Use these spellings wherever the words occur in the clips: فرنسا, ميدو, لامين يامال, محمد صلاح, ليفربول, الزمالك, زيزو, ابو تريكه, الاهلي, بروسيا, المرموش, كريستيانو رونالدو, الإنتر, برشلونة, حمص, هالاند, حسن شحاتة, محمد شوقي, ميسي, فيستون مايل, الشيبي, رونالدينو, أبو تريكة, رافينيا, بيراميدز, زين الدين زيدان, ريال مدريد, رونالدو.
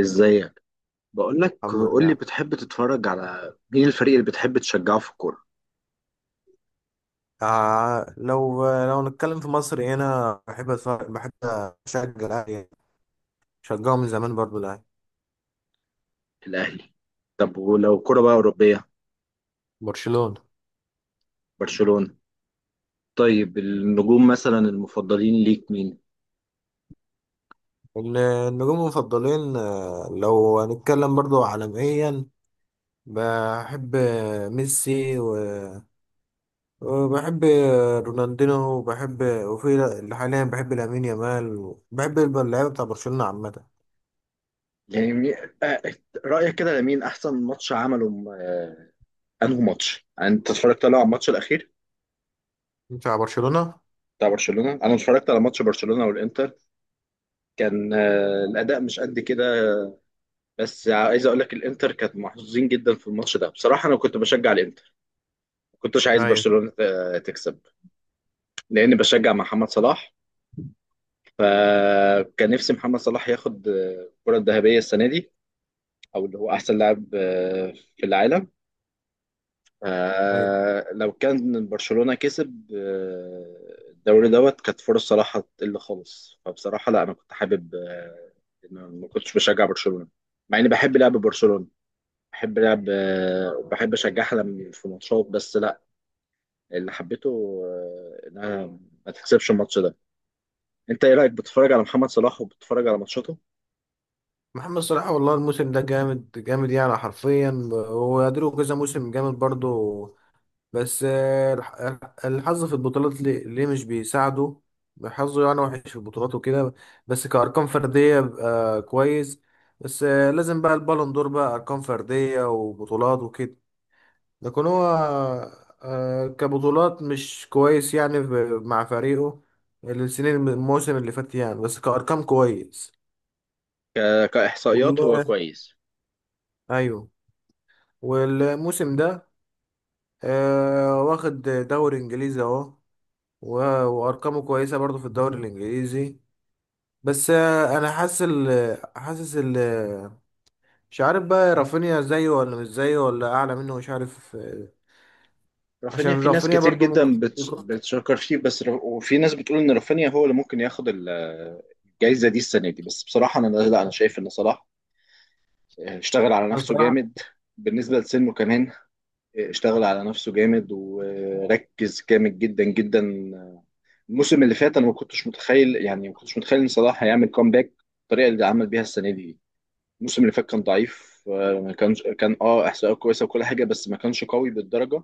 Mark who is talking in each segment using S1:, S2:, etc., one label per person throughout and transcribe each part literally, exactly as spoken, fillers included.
S1: ازيك؟ بقول لك،
S2: الحمد
S1: قول لي،
S2: لله.
S1: بتحب تتفرج على مين؟ الفريق اللي بتحب تشجعه في الكوره؟
S2: آه لو لو نتكلم في مصر هنا بحب أتفرج- بحب اشجع الاهلي. شجعه من زمان برضو الاهلي.
S1: الاهلي. طب ولو كوره بقى اوروبيه؟
S2: برشلونة.
S1: برشلونه. طيب، النجوم مثلا المفضلين ليك مين؟
S2: ال- النجوم المفضلين، آه، لو هنتكلم برضو عالميا بحب ميسي و- وبحب رونالدينو، وبحب وفي لا- حاليا بحب لامين يامال، بحب اللعيبه بتاع برشلونه عامه.
S1: يعني مي- آه، رايك كده، لمين احسن ماتش عمله؟ آه، انه ماتش انت اتفرجت له؟ على الماتش الاخير
S2: بتاع برشلونه.
S1: بتاع برشلونه؟ انا اتفرجت على ماتش برشلونه والانتر. كان آه، الاداء مش قد كده. بس عايز اقول لك، الانتر كانت محظوظين جدا في الماتش ده. بصراحه، انا كنت بشجع الانتر. ما كنتش عايز
S2: ايوه،
S1: برشلونه آه، تكسب. لاني بشجع محمد صلاح. فكان نفسي محمد صلاح ياخد الكرة الذهبية السنة دي، او اللي هو احسن لاعب آه، في العالم.
S2: ايوه.
S1: آه، لو كان برشلونة كسب آه، الدوري دوت، كانت فرص صلاح هتقل خالص. فبصراحة، لا، انا كنت حابب آه، إن أنا ما كنتش بشجع برشلونة. مع اني بحب لعب برشلونة، بحب لعب، آه، بحب اشجعها لما في ماتشات، بس لا، اللي حبيته آه، انها ما تكسبش الماتش ده. انت ايه رايك؟ بتتفرج على محمد صلاح وبتتفرج على ماتشاته؟
S2: محمد صلاح والله الموسم ده جامد، جامد يعني، حرفيا هو له كذا موسم جامد برضه. بس آه، الح- الحظ في البطولات ليه ليه مش بيساعده. حظه يعني وحش في البطولات وكده. بس كأرقام فردية بقى كويس. بس آه، لازم بقى البالون دور بقى أرقام فردية وبطولات وكده. لكن هو آه، كبطولات مش كويس يعني ب- مع فريقه. السنين الموسم اللي فات يعني، بس كأرقام كويس.
S1: ك... كاحصائيات هو
S2: والله،
S1: كويس.
S2: ايوه. والموسم ده آه واخد دوري انجليزي اهو، و- وارقامه كويسه برضو في الدوري الانجليزي. بس آه انا حاسس ال حاسس ال مش عارف بقى رافينيا زيه ولا مش زيه ولا اعلى منه، مش عارف. آه،
S1: رافينيا،
S2: عشان
S1: في ناس
S2: رافينيا
S1: كتير
S2: برضو ممكن
S1: جدا بت...
S2: يكون-
S1: بتشكر فيه، بس ر... وفي ناس بتقول ان رافينيا هو اللي ممكن ياخد ال- الجايزه دي السنه دي. بس بصراحه، انا، لا، انا شايف ان صلاح اشتغل على نفسه
S2: الصراحه.
S1: جامد. بالنسبه لسنه كمان اشتغل على نفسه جامد وركز جامد جدا جدا. الموسم اللي فات انا ما كنتش متخيل يعني ما كنتش متخيل ان صلاح هيعمل كومباك بالطريقه اللي عمل بيها السنه دي. الموسم اللي فات كان ضعيف. آه، ما كانش، كان اه احصائيه كويسه وكل حاجه، بس ما كانش قوي بالدرجه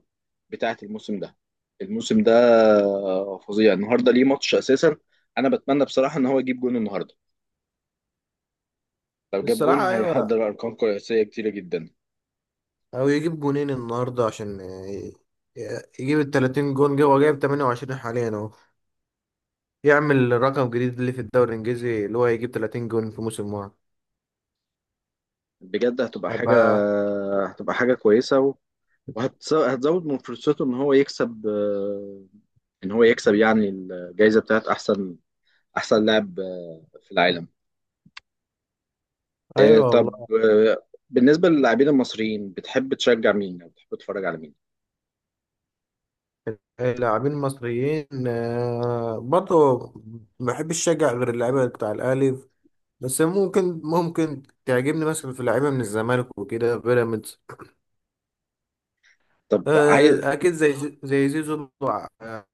S1: بتاعه الموسم ده. الموسم ده آه، فظيع. النهارده ليه ماتش اساسا. انا بتمنى بصراحه ان هو يجيب جون النهارده. لو جاب جون،
S2: الصراحه، ايوه.
S1: هيحضر ارقام قياسيه كتيره جدا.
S2: او يجيب جونين النهارده عشان آه، ي- يجيب ال تلاتين جون. جه هو جايب ثمانية وعشرين حاليا اهو. يعمل رقم جديد اللي في الدوري الانجليزي، اللي هو يجيب تلاتين جون في موسم واحد.
S1: بجد هتبقى حاجه.
S2: هيبقى.
S1: هتبقى حاجه كويسه و- وهتس- هتزود من فرصته ان هو يكسب، آه، ان هو يكسب يعني الجائزه بتاعه احسن، احسن لاعب آه، في العالم.
S2: ايوه،
S1: آه، طب،
S2: والله.
S1: آه، بالنسبة للاعبين المصريين، بتحب تشجع مين أو بتحب تتفرج على مين؟
S2: اللاعبين المصريين آه، برضه ما بحبش اشجع غير اللعيبه بتاع الاهلي. بس ممكن ممكن تعجبني مثلا في لعيبه من الزمالك وكده، بيراميدز.
S1: طب، عايز.
S2: آه، اكيد زي زي زي زيزو ع-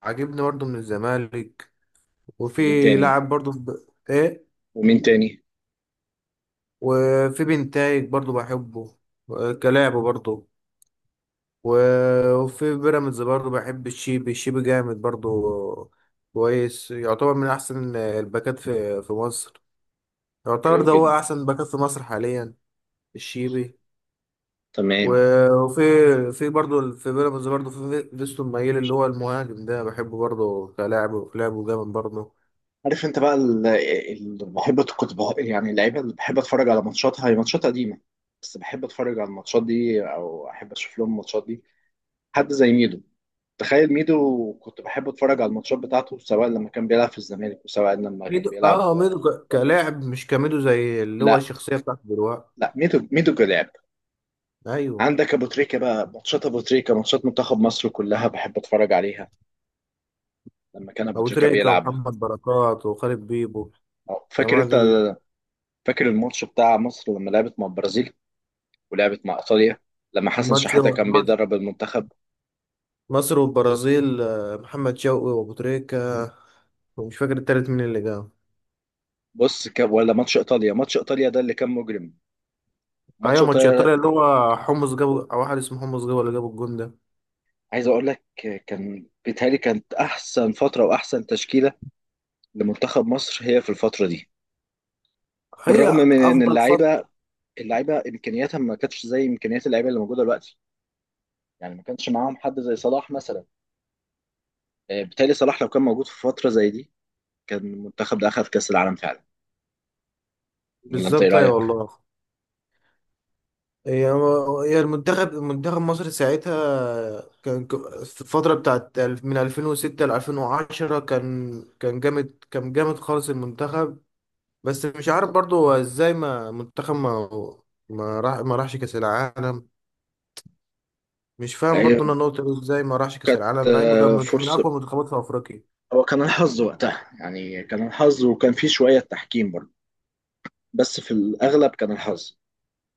S2: عاجبني برضه من الزمالك.
S1: ومين
S2: وفي
S1: تاني؟
S2: لاعب برضه في ب- ايه.
S1: ومين تاني؟
S2: وفي بنتايج برضه بحبه، آه، كلاعب برضه. و- وفي بيراميدز برضه بحب الشيبي. الشيبي جامد برضه، كويس، يعتبر من احسن الباكات في في مصر. يعتبر
S1: حلو
S2: ده هو
S1: جدا.
S2: احسن باكات في مصر حاليا، الشيبي.
S1: تمام.
S2: و- وفي في برضه في بيراميدز برضه في فيستون مايل اللي هو المهاجم ده، بحبه برضه كلاعب، كلاعب جامد برضه.
S1: عارف انت بقى؟ اللي بحب، كنت بح- يعني اللعيبة اللي بحب اتفرج على ماتشاتها هي ماتشات قديمة. بس بحب اتفرج على الماتشات دي، او احب اشوف لهم الماتشات دي. حد زي ميدو. تخيل، ميدو كنت بحب اتفرج على الماتشات بتاعته، سواء لما كان بيلعب في الزمالك وسواء لما كان
S2: ميدو، اه
S1: بيلعب
S2: ميدو
S1: آه،
S2: ك-
S1: بره.
S2: كلاعب، مش كميدو زي اللي هو
S1: لا.
S2: الشخصيه بتاعته دلوقتي.
S1: لا، ميدو ميدو كلاعب.
S2: ايوه.
S1: عندك ابو تريكه بقى، ماتشات ابو تريكه، ماتشات منتخب مصر كلها بحب اتفرج عليها لما كان ابو
S2: ابو
S1: تريكه
S2: تريكه
S1: بيلعب.
S2: ومحمد بركات وخالد بيبو،
S1: أه، فاكر
S2: جماعه
S1: انت؟
S2: دول.
S1: فاكر الماتش بتاع مصر لما لعبت مع البرازيل ولعبت مع ايطاليا، لما حسن
S2: ماتش
S1: شحاته كان
S2: مصر
S1: بيدرب المنتخب؟
S2: مصر والبرازيل، آه، محمد شوقي وابو تريكه، ومش فاكر التالت مين اللي جاب.
S1: بص، ك... ولا ماتش ايطاليا. ماتش ايطاليا ده اللي كان مجرم. ماتش
S2: ايوه ماتش
S1: ايطاليا!
S2: ايطاليا اللي هو حمص جابه، او واحد اسمه حمص جابه اللي جابه الجون ده.
S1: عايز اقول لك، كان بيتهيألي كانت احسن فتره واحسن تشكيله لمنتخب مصر هي في الفتره دي.
S2: هي
S1: بالرغم من ان
S2: افضل فتره.
S1: اللعيبه، اللعيبه امكانياتها ما كانتش زي امكانيات اللعيبه اللي موجوده دلوقتي، يعني ما كانش معاهم حد زي صلاح مثلا. آه، بالتالي صلاح لو كان موجود في فترة زي دي، كان المنتخب ده أخذ كأس العالم فعلا. ولا أنت إيه
S2: بالظبط، ايوه
S1: رأيك؟
S2: والله. هي هي المنتخب منتخب مصر ساعتها كان، ك- في الفتره بتاعت الف- من ألفين وستة ل ألفين وعشرة، كان كان جامد، كان جامد خالص المنتخب. بس مش عارف برضو هو ازاي ما منتخب ما ما راح ما راحش كاس العالم. مش فاهم
S1: آه،
S2: برضو انا النقطه دي، ازاي ما راحش كاس
S1: كانت
S2: العالم مع انه كان
S1: آه،
S2: من من
S1: فرصة.
S2: اقوى المنتخبات في افريقيا.
S1: هو كان الحظ وقتها، يعني كان الحظ، وكان فيه شوية تحكيم برضه. بس في الأغلب كان الحظ.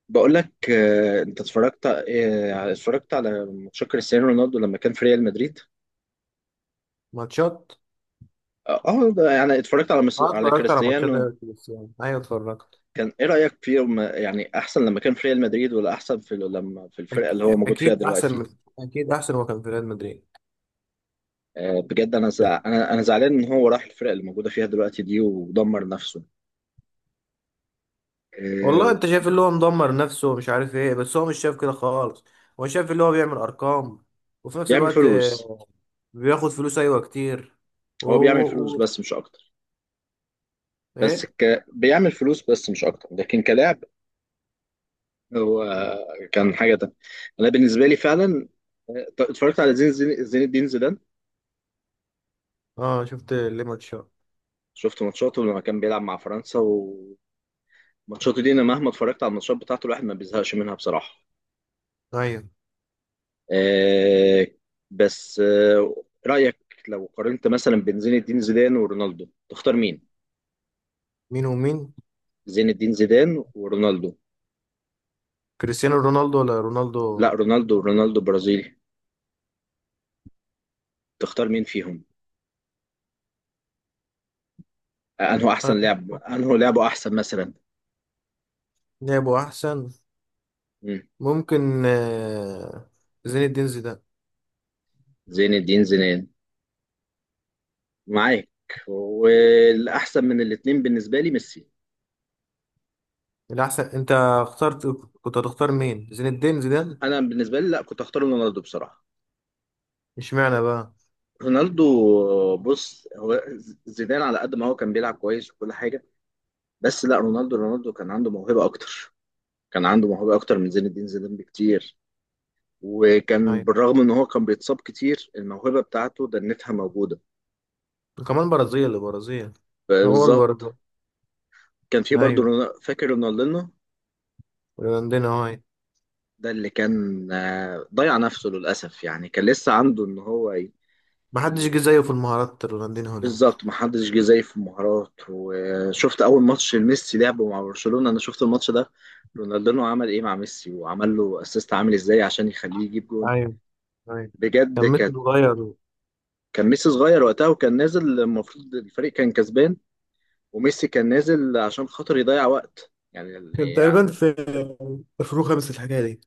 S1: بقول لك، آه، أنت اتفرجت آه، اتفرجت على ماتش كريستيانو رونالدو لما كان في ريال مدريد؟
S2: ماتشات.
S1: اه، آه، ده يعني اتفرجت على مس...
S2: اه
S1: على
S2: اتفرجت على ماتشات،
S1: كريستيانو.
S2: أيوة، بس يعني ايوه اتفرجت.
S1: كان ايه رأيك فيه؟ وما- يعني احسن لما كان في ريال مدريد ولا احسن في لما في الفرقة
S2: أك-
S1: اللي هو موجود فيها
S2: اكيد احسن من
S1: دلوقتي؟
S2: اكيد احسن، هو كان في ريال مدريد.
S1: آه، بجد انا زع... انا انا زعلان ان هو راح الفرق اللي موجوده فيها دلوقتي دي ودمر نفسه.
S2: والله
S1: آه،
S2: انت شايف اللي هو مدمر نفسه ومش عارف ايه، بس هو مش شايف كده خالص. هو شايف اللي هو بيعمل ارقام، وفي نفس
S1: بيعمل
S2: الوقت
S1: فلوس.
S2: آه، بياخد فلوس، ايوه، كتير. و...
S1: هو بيعمل
S2: و...
S1: فلوس
S2: و...
S1: بس مش اكتر. بس،
S2: ايه.
S1: ك... بيعمل فلوس بس مش اكتر، لكن كلاعب، هو كان حاجه تانية. انا بالنسبه لي فعلا، آه، اتفرجت على زين زين زين الدين زيدان.
S2: اه، شفت ليمون شو.
S1: شفت ماتشاته لما كان بيلعب مع فرنسا، وماتشاته دي، انا مهما اتفرجت على الماتشات بتاعته الواحد ما بيزهقش منها بصراحه.
S2: ايوه.
S1: آه. بس، آه رأيك، لو قارنت مثلا بين زين الدين زيدان ورونالدو، تختار مين؟
S2: مين ومين؟
S1: زين الدين زيدان ورونالدو.
S2: كريستيانو رونالدو ولا رونالدو؟
S1: لا، رونالدو، ورونالدو برازيلي. تختار مين فيهم؟ آه، أنه أحسن لاعب، أنه لعبه أحسن مثلا؟
S2: لعبه احسن.
S1: مم.
S2: ممكن آه، زين الدين زيدان.
S1: زين الدين زيدان. معاك. والأحسن من الاتنين بالنسبة لي ميسي.
S2: الاحسن، انت اخترت، كنت هتختار مين، زين الدين زيدان.
S1: أنا بالنسبة لي، لا، كنت أختار رونالدو بصراحة.
S2: اشمعنى بقى؟
S1: رونالدو. بص، هو زيدان على قد ما هو كان بيلعب كويس وكل حاجة، بس لا، رونالدو رونالدو كان عنده موهبة أكتر. كان عنده موهبة أكتر من زين الدين زيدان بكتير. وكان،
S2: ايوه،
S1: بالرغم إن هو كان بيتصاب كتير، الموهبة بتاعته دنتها موجودة.
S2: وكمان برازيل البرازيل. هو
S1: بالظبط.
S2: البرازيل.
S1: كان في برضه،
S2: ايوه،
S1: رونا- فاكر رونالدينو؟
S2: رونالدينو هاي.
S1: ده اللي كان آه، ضيع نفسه للأسف، يعني كان لسه عنده إن هو ي...
S2: ما حدش جه
S1: ي-
S2: زيه في المهارات، رونالدينو ده.
S1: بالظبط، محدش جه زيه في المهارات. وشفت أول ماتش ميسي لعبه مع برشلونة، أنا شفت الماتش ده. رونالدينو عمل إيه مع ميسي؟ وعمل له أسيست عامل إزاي عشان يخليه يجيب جون.
S2: ايوه، ايوه.
S1: بجد.
S2: كان ميسي صغير.
S1: كان ميسي صغير وقتها وكان نازل. المفروض الفريق كان كسبان. وميسي كان نازل عشان خاطر يضيع وقت يعني.
S2: كان تقريبا
S1: يعني،
S2: في ألفين وخمسة الحكايه دي.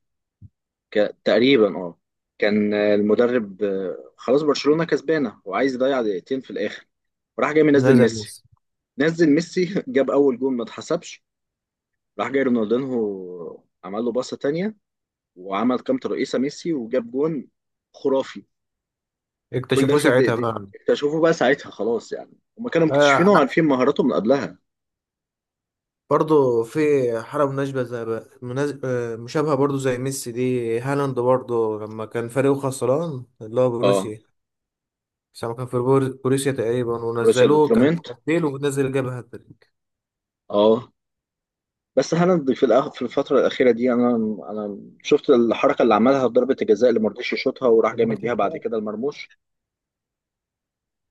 S1: ك... تقريبا اه. كان المدرب آه، خلاص برشلونة كسبانة وعايز يضيع دقيقتين في الآخر. وراح جاي منزل
S2: نزل
S1: ميسي.
S2: ميسي.
S1: نزل ميسي جاب أول جول ما اتحسبش. راح جاي رونالدينهو عمل له باصة تانية، وعمل كام ترقيصة ميسي وجاب جون. خرافي. كل ده
S2: اكتشفوه
S1: في
S2: ساعتها
S1: دقيقتين.
S2: بقى.
S1: اكتشفوه بقى ساعتها خلاص يعني. هما كانوا
S2: آه،
S1: مكتشفينه وعارفين مهاراته من قبلها.
S2: برضه في حالة مناسبة زي بقى، مناز... آه مشابهة برضه زي ميسي دي. هالاند برضه لما كان فريقه خسران، اللي هو
S1: اه.
S2: بروسيا. بس لما كان في بور- بروسيا تقريبا،
S1: بروسيا
S2: ونزلوه كان
S1: دورتموند.
S2: تبديل ونزل جاب هاتريك.
S1: اه. بس هالاند في الأخ... في الفتره الاخيره دي، انا انا شفت الحركه اللي عملها في ضربه الجزاء، اللي ما رضيش يشوطها وراح جاي
S2: الماتش
S1: مديها
S2: اللي
S1: بعد
S2: فات.
S1: كده المرموش.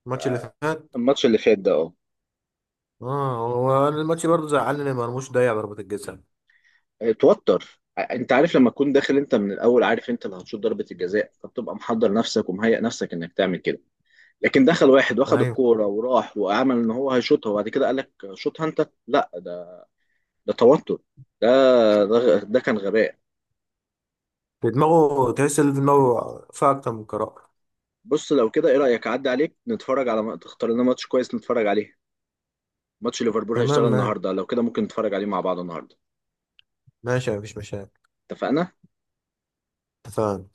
S2: الماتش اللي فات.
S1: الماتش اللي فات ده، اه.
S2: اه، هو أنا الماتش برضه زعلني، ما مرموش ضيع ضربة الجزاء.
S1: اتوتر، ع- انت عارف، لما تكون داخل انت من الاول عارف انت اللي هتشوط ضربه الجزاء، فبتبقى محضر نفسك ومهيئ نفسك انك تعمل كده. لكن دخل واحد واخد
S2: ايوه.
S1: الكوره وراح وعمل ان هو هيشوطها، وبعد كده قال لك شوطها انت، لا، ده ده توتر. ده ده, غ- ده كان غباء.
S2: في دماغه تحس ان في دماغه فيها اكتر من قرار.
S1: بص، لو كده، ايه رايك اعدي عليك نتفرج على تختار لنا ماتش كويس نتفرج عليه؟ ماتش ليفربول
S2: تمام،
S1: هيشتغل
S2: مان.
S1: النهارده، لو كده ممكن نتفرج عليه مع بعض النهارده.
S2: ماشي، مفيش مشاكل.
S1: اتفقنا.
S2: اتفقنا.